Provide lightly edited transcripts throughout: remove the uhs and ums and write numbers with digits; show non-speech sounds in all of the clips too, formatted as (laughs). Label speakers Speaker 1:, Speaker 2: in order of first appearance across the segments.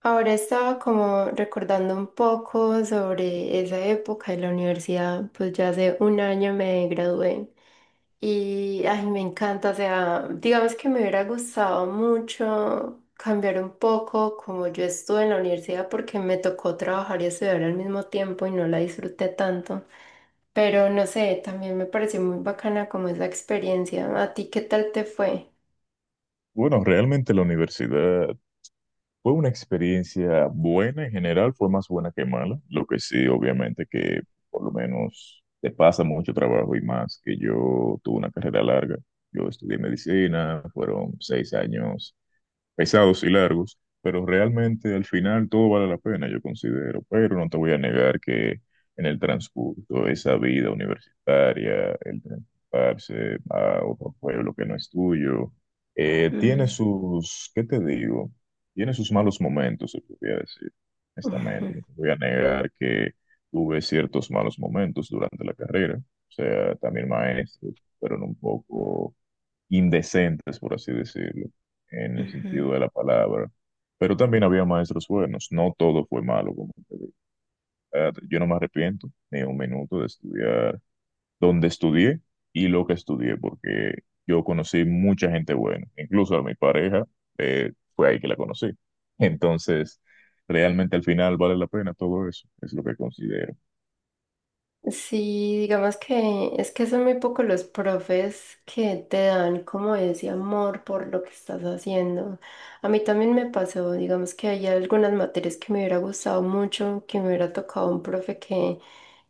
Speaker 1: Ahora estaba como recordando un poco sobre esa época de la universidad, pues ya hace un año me gradué y ay, me encanta, o sea, digamos que me hubiera gustado mucho cambiar un poco como yo estuve en la universidad porque me tocó trabajar y estudiar al mismo tiempo y no la disfruté tanto, pero no sé, también me pareció muy bacana como esa experiencia. ¿A ti qué tal te fue?
Speaker 2: Bueno, realmente la universidad fue una experiencia buena en general, fue más buena que mala. Lo que sí, obviamente, que por lo menos te pasa mucho trabajo y más que yo tuve una carrera larga. Yo estudié medicina, fueron 6 años pesados y largos, pero realmente al final todo vale la pena, yo considero, pero no te voy a negar que en el transcurso de esa vida universitaria, el transportarse a otro pueblo que no es tuyo, tiene
Speaker 1: Mm,
Speaker 2: sus, ¿qué te digo? Tiene sus malos momentos, se podría decir,
Speaker 1: ujú,
Speaker 2: honestamente, no te voy a negar que tuve ciertos malos momentos durante la carrera, o sea, también maestros, fueron un poco indecentes, por así decirlo, en el
Speaker 1: ujú.
Speaker 2: sentido de la palabra. Pero también había maestros buenos, no todo fue malo como tal. Yo no me arrepiento ni un minuto de estudiar donde estudié y lo que estudié, porque yo conocí mucha gente buena, incluso a mi pareja, fue ahí que la conocí. (laughs) Entonces, realmente al final vale la pena todo eso, es lo que considero.
Speaker 1: Sí, digamos que es que son muy pocos los profes que te dan como ese amor por lo que estás haciendo. A mí también me pasó, digamos que hay algunas materias que me hubiera gustado mucho, que me hubiera tocado un profe que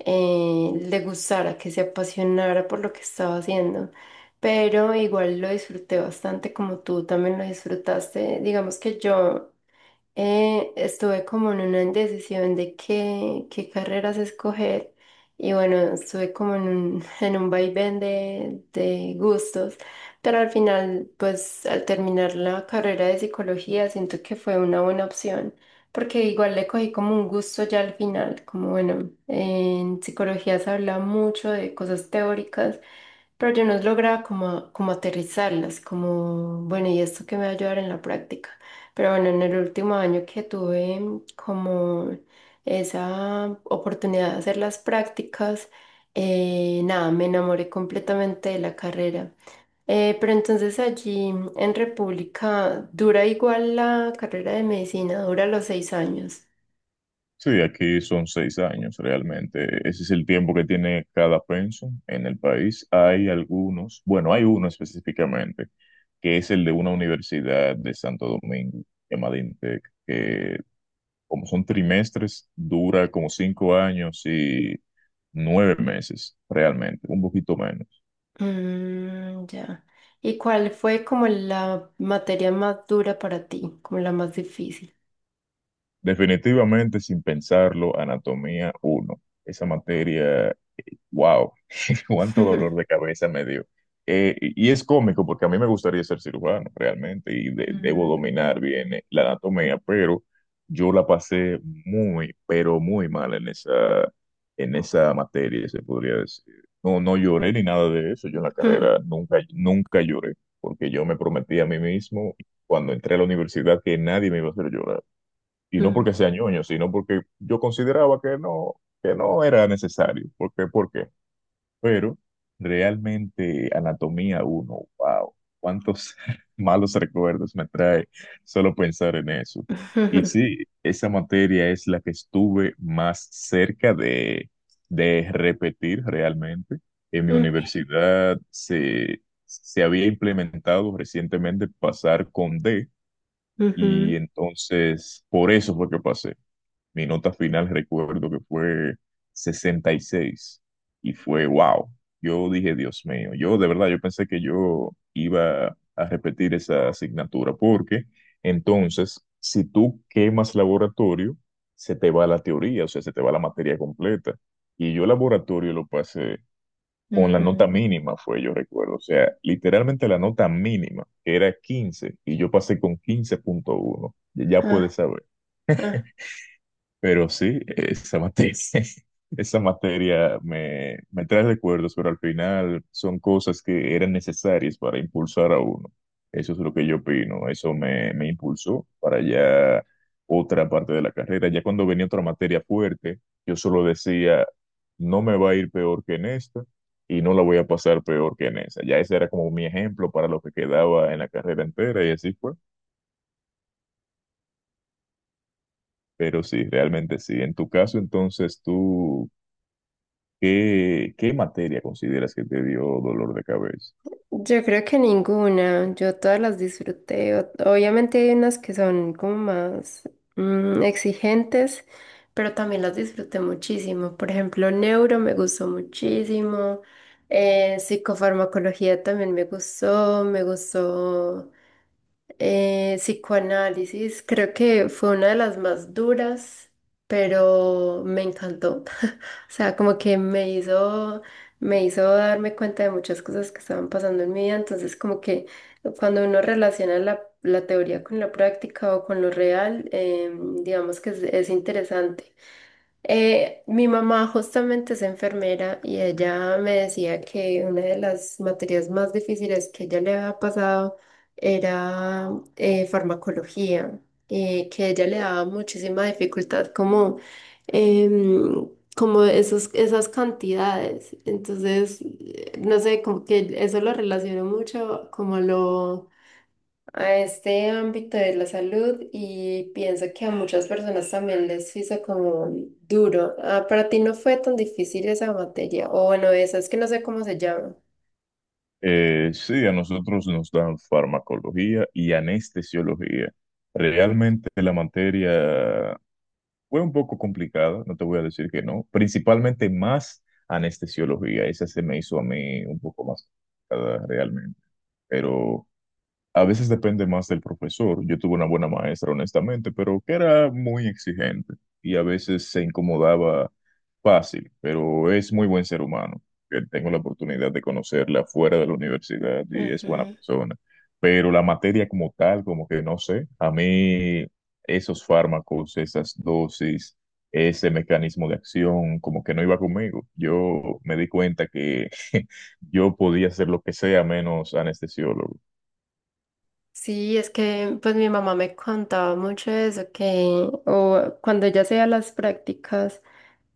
Speaker 1: le gustara, que se apasionara por lo que estaba haciendo. Pero igual lo disfruté bastante como tú también lo disfrutaste. Digamos que yo estuve como en una indecisión de qué carreras escoger y bueno, estuve como en un, (laughs) en un vaivén de gustos, pero al final, pues al terminar la carrera de psicología, siento que fue una buena opción, porque igual le cogí como un gusto ya al final, como bueno, en psicología se habla mucho de cosas teóricas. Pero yo no lograba como aterrizarlas, como, bueno, ¿y esto qué me va a ayudar en la práctica? Pero bueno, en el último año que tuve como esa oportunidad de hacer las prácticas, nada, me enamoré completamente de la carrera. Pero entonces allí en República dura igual la carrera de medicina, dura los 6 años.
Speaker 2: Sí, aquí son 6 años realmente. Ese es el tiempo que tiene cada pension en el país. Hay algunos, bueno, hay uno específicamente, que es el de una universidad de Santo Domingo, llamada INTEC, que como son trimestres, dura como 5 años y 9 meses realmente, un poquito menos.
Speaker 1: Mm, ya. ¿Y cuál fue como la materia más dura para ti, como la más difícil?
Speaker 2: Definitivamente, sin pensarlo, anatomía uno. Esa materia, wow, (laughs)
Speaker 1: (laughs)
Speaker 2: cuánto dolor
Speaker 1: Ujú,
Speaker 2: de cabeza me dio. Y es cómico porque a mí me gustaría ser cirujano realmente y debo dominar bien la anatomía, pero yo la pasé muy, pero muy mal en esa materia, se podría decir. No, no lloré ni nada de eso. Yo en la carrera nunca, nunca lloré porque yo me prometí a mí mismo cuando entré a la universidad que nadie me iba a hacer llorar, y no porque sea ñoño, sino porque yo consideraba que no era necesario. ¿Por qué? ¿Por qué? Pero realmente anatomía uno, wow, cuántos (laughs) malos recuerdos me trae solo pensar en eso. Y sí, esa materia es la que estuve más cerca de repetir realmente. En mi
Speaker 1: ujú,
Speaker 2: universidad se había implementado recientemente pasar con D,
Speaker 1: ujú,
Speaker 2: y entonces por eso fue que pasé. Mi nota final recuerdo que fue 66 y fue wow. Yo dije, Dios mío, yo de verdad, yo pensé que yo iba a repetir esa asignatura porque entonces, si tú quemas laboratorio, se te va la teoría, o sea, se te va la materia completa. Y yo laboratorio lo pasé con la nota
Speaker 1: ujú.
Speaker 2: mínima, fue, yo recuerdo, o sea, literalmente la nota mínima, que era 15, y yo pasé con 15.1, ya puedes
Speaker 1: Ah.
Speaker 2: saber. Pero sí, esa materia, (laughs) esa materia me, me trae recuerdos, pero al final son cosas que eran necesarias para impulsar a uno. Eso es lo que yo opino, eso me impulsó para ya otra parte de la carrera. Ya cuando venía otra materia fuerte, yo solo decía, no me va a ir peor que en esta y no la voy a pasar peor que en esa. Ya ese era como mi ejemplo para lo que quedaba en la carrera entera, y así fue. Pero sí, realmente sí. En tu caso, entonces, tú... ¿Qué materia consideras que te dio dolor de cabeza?
Speaker 1: Yo creo que ninguna, yo todas las disfruté. Obviamente hay unas que son como más exigentes, pero también las disfruté muchísimo. Por ejemplo, Neuro me gustó muchísimo, Psicofarmacología también me gustó psicoanálisis, creo que fue una de las más duras, pero me encantó. (laughs) O sea, como que me hizo darme cuenta de muchas cosas que estaban pasando en mi vida. Entonces, como que cuando uno relaciona la teoría con la práctica o con lo real, digamos que es interesante. Mi mamá justamente es enfermera y ella me decía que una de las materias más difíciles que ella le había pasado era farmacología, que ella le daba muchísima dificultad como, em, como esas cantidades. Entonces, no sé, como que eso lo relaciono mucho como a lo a este ámbito de la salud y pienso que a muchas personas también les hizo como duro. Ah, para ti no fue tan difícil esa materia, o bueno, esa es que no sé cómo se llama.
Speaker 2: Sí, a nosotros nos dan farmacología y anestesiología. Realmente la materia fue un poco complicada, no te voy a decir que no, principalmente más anestesiología, esa se me hizo a mí un poco más complicada realmente, pero... A veces depende más del profesor. Yo tuve una buena maestra, honestamente, pero que era muy exigente y a veces se incomodaba fácil, pero es muy buen ser humano, que tengo la oportunidad de conocerla fuera de la universidad y es buena
Speaker 1: Ujú.
Speaker 2: persona. Pero la materia como tal, como que no sé, a mí esos fármacos, esas dosis, ese mecanismo de acción, como que no iba conmigo. Yo me di cuenta que (laughs) yo podía ser lo que sea menos anestesiólogo.
Speaker 1: Sí, es que pues mi mamá me contaba mucho de eso, que o cuando ella hacía las prácticas,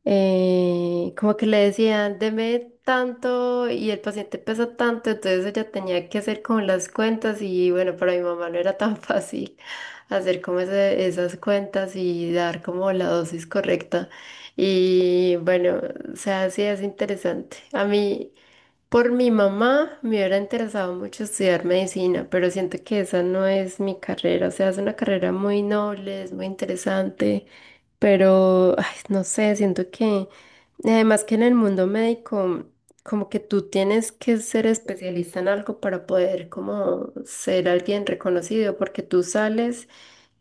Speaker 1: como que le decían, deme tanto y el paciente pesa tanto, entonces ella tenía que hacer como las cuentas y bueno, para mi mamá no era tan (laughs) fácil hacer como esas cuentas y dar como la dosis correcta. Y bueno, o sea, sí es interesante. A mí... Por mi mamá me hubiera interesado mucho estudiar medicina, pero siento que esa no es mi carrera. O sea, es una carrera muy noble, es muy interesante, pero ay, no sé, siento que además que en el mundo médico, como que tú tienes que ser especialista en algo para poder como ser alguien reconocido, porque tú sales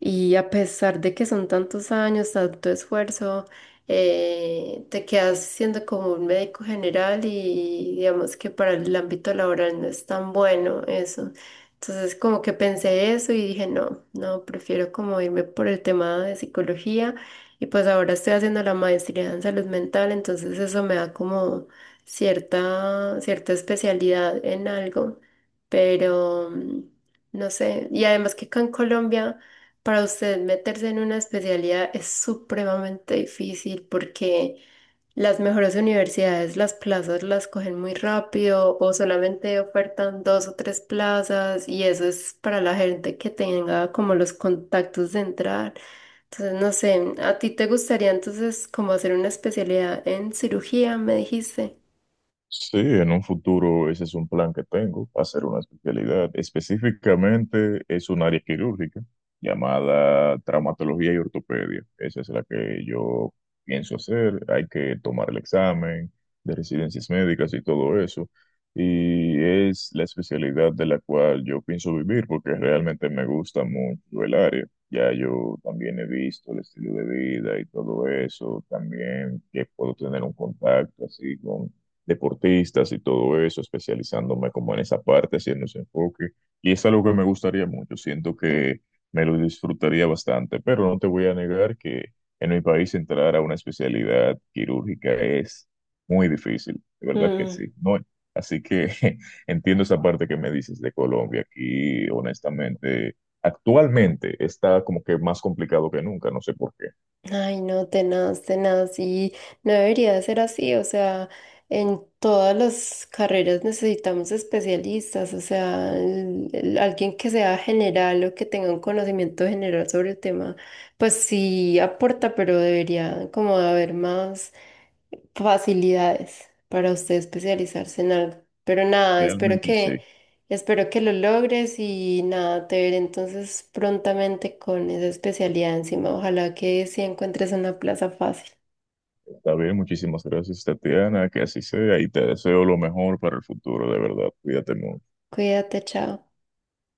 Speaker 1: y a pesar de que son tantos años, tanto esfuerzo te quedas siendo como un médico general y digamos que para el ámbito laboral no es tan bueno eso. Entonces como que pensé eso y dije, no, no, prefiero como irme por el tema de psicología y pues ahora estoy haciendo la maestría en salud mental, entonces eso me da como cierta especialidad en algo, pero mm, no sé, y además que acá en Colombia... Para usted meterse en una especialidad es supremamente difícil porque las mejores universidades, las plazas las cogen muy rápido o solamente ofertan dos o tres plazas y eso es para la gente que tenga como los contactos de entrar. Entonces, no sé, ¿a ti te gustaría entonces como hacer una especialidad en cirugía, me dijiste?
Speaker 2: Sí, en un futuro ese es un plan que tengo, hacer una especialidad. Específicamente es un área quirúrgica llamada traumatología y ortopedia. Esa es la que yo pienso hacer. Hay que tomar el examen de residencias médicas y todo eso. Y es la especialidad de la cual yo pienso vivir porque realmente me gusta mucho el área. Ya yo también he visto el estilo de vida y todo eso, también que puedo tener un contacto así con deportistas y todo eso, especializándome como en esa parte, haciendo ese enfoque. Y es algo que me gustaría mucho, siento que me lo disfrutaría bastante, pero no te voy a negar que en mi país entrar a una especialidad quirúrgica es muy difícil, de verdad que sí. No, así que (laughs) entiendo esa parte que me dices de Colombia, aquí honestamente, actualmente está como que más complicado que nunca, no sé por qué.
Speaker 1: Ay, no, tenaz, tenaz, y no debería ser así, o sea, en todas las carreras necesitamos especialistas, o sea, alguien que sea general o que tenga un conocimiento general sobre el tema, pues sí aporta, pero debería como haber más facilidades para usted especializarse en algo. Pero nada,
Speaker 2: Realmente sí.
Speaker 1: espero que lo logres y nada, te veré entonces prontamente con esa especialidad encima. Ojalá que sí encuentres una plaza fácil.
Speaker 2: Está bien, muchísimas gracias, Tatiana, que así sea y te deseo lo mejor para el futuro, de verdad. Cuídate mucho.
Speaker 1: Cuídate, chao.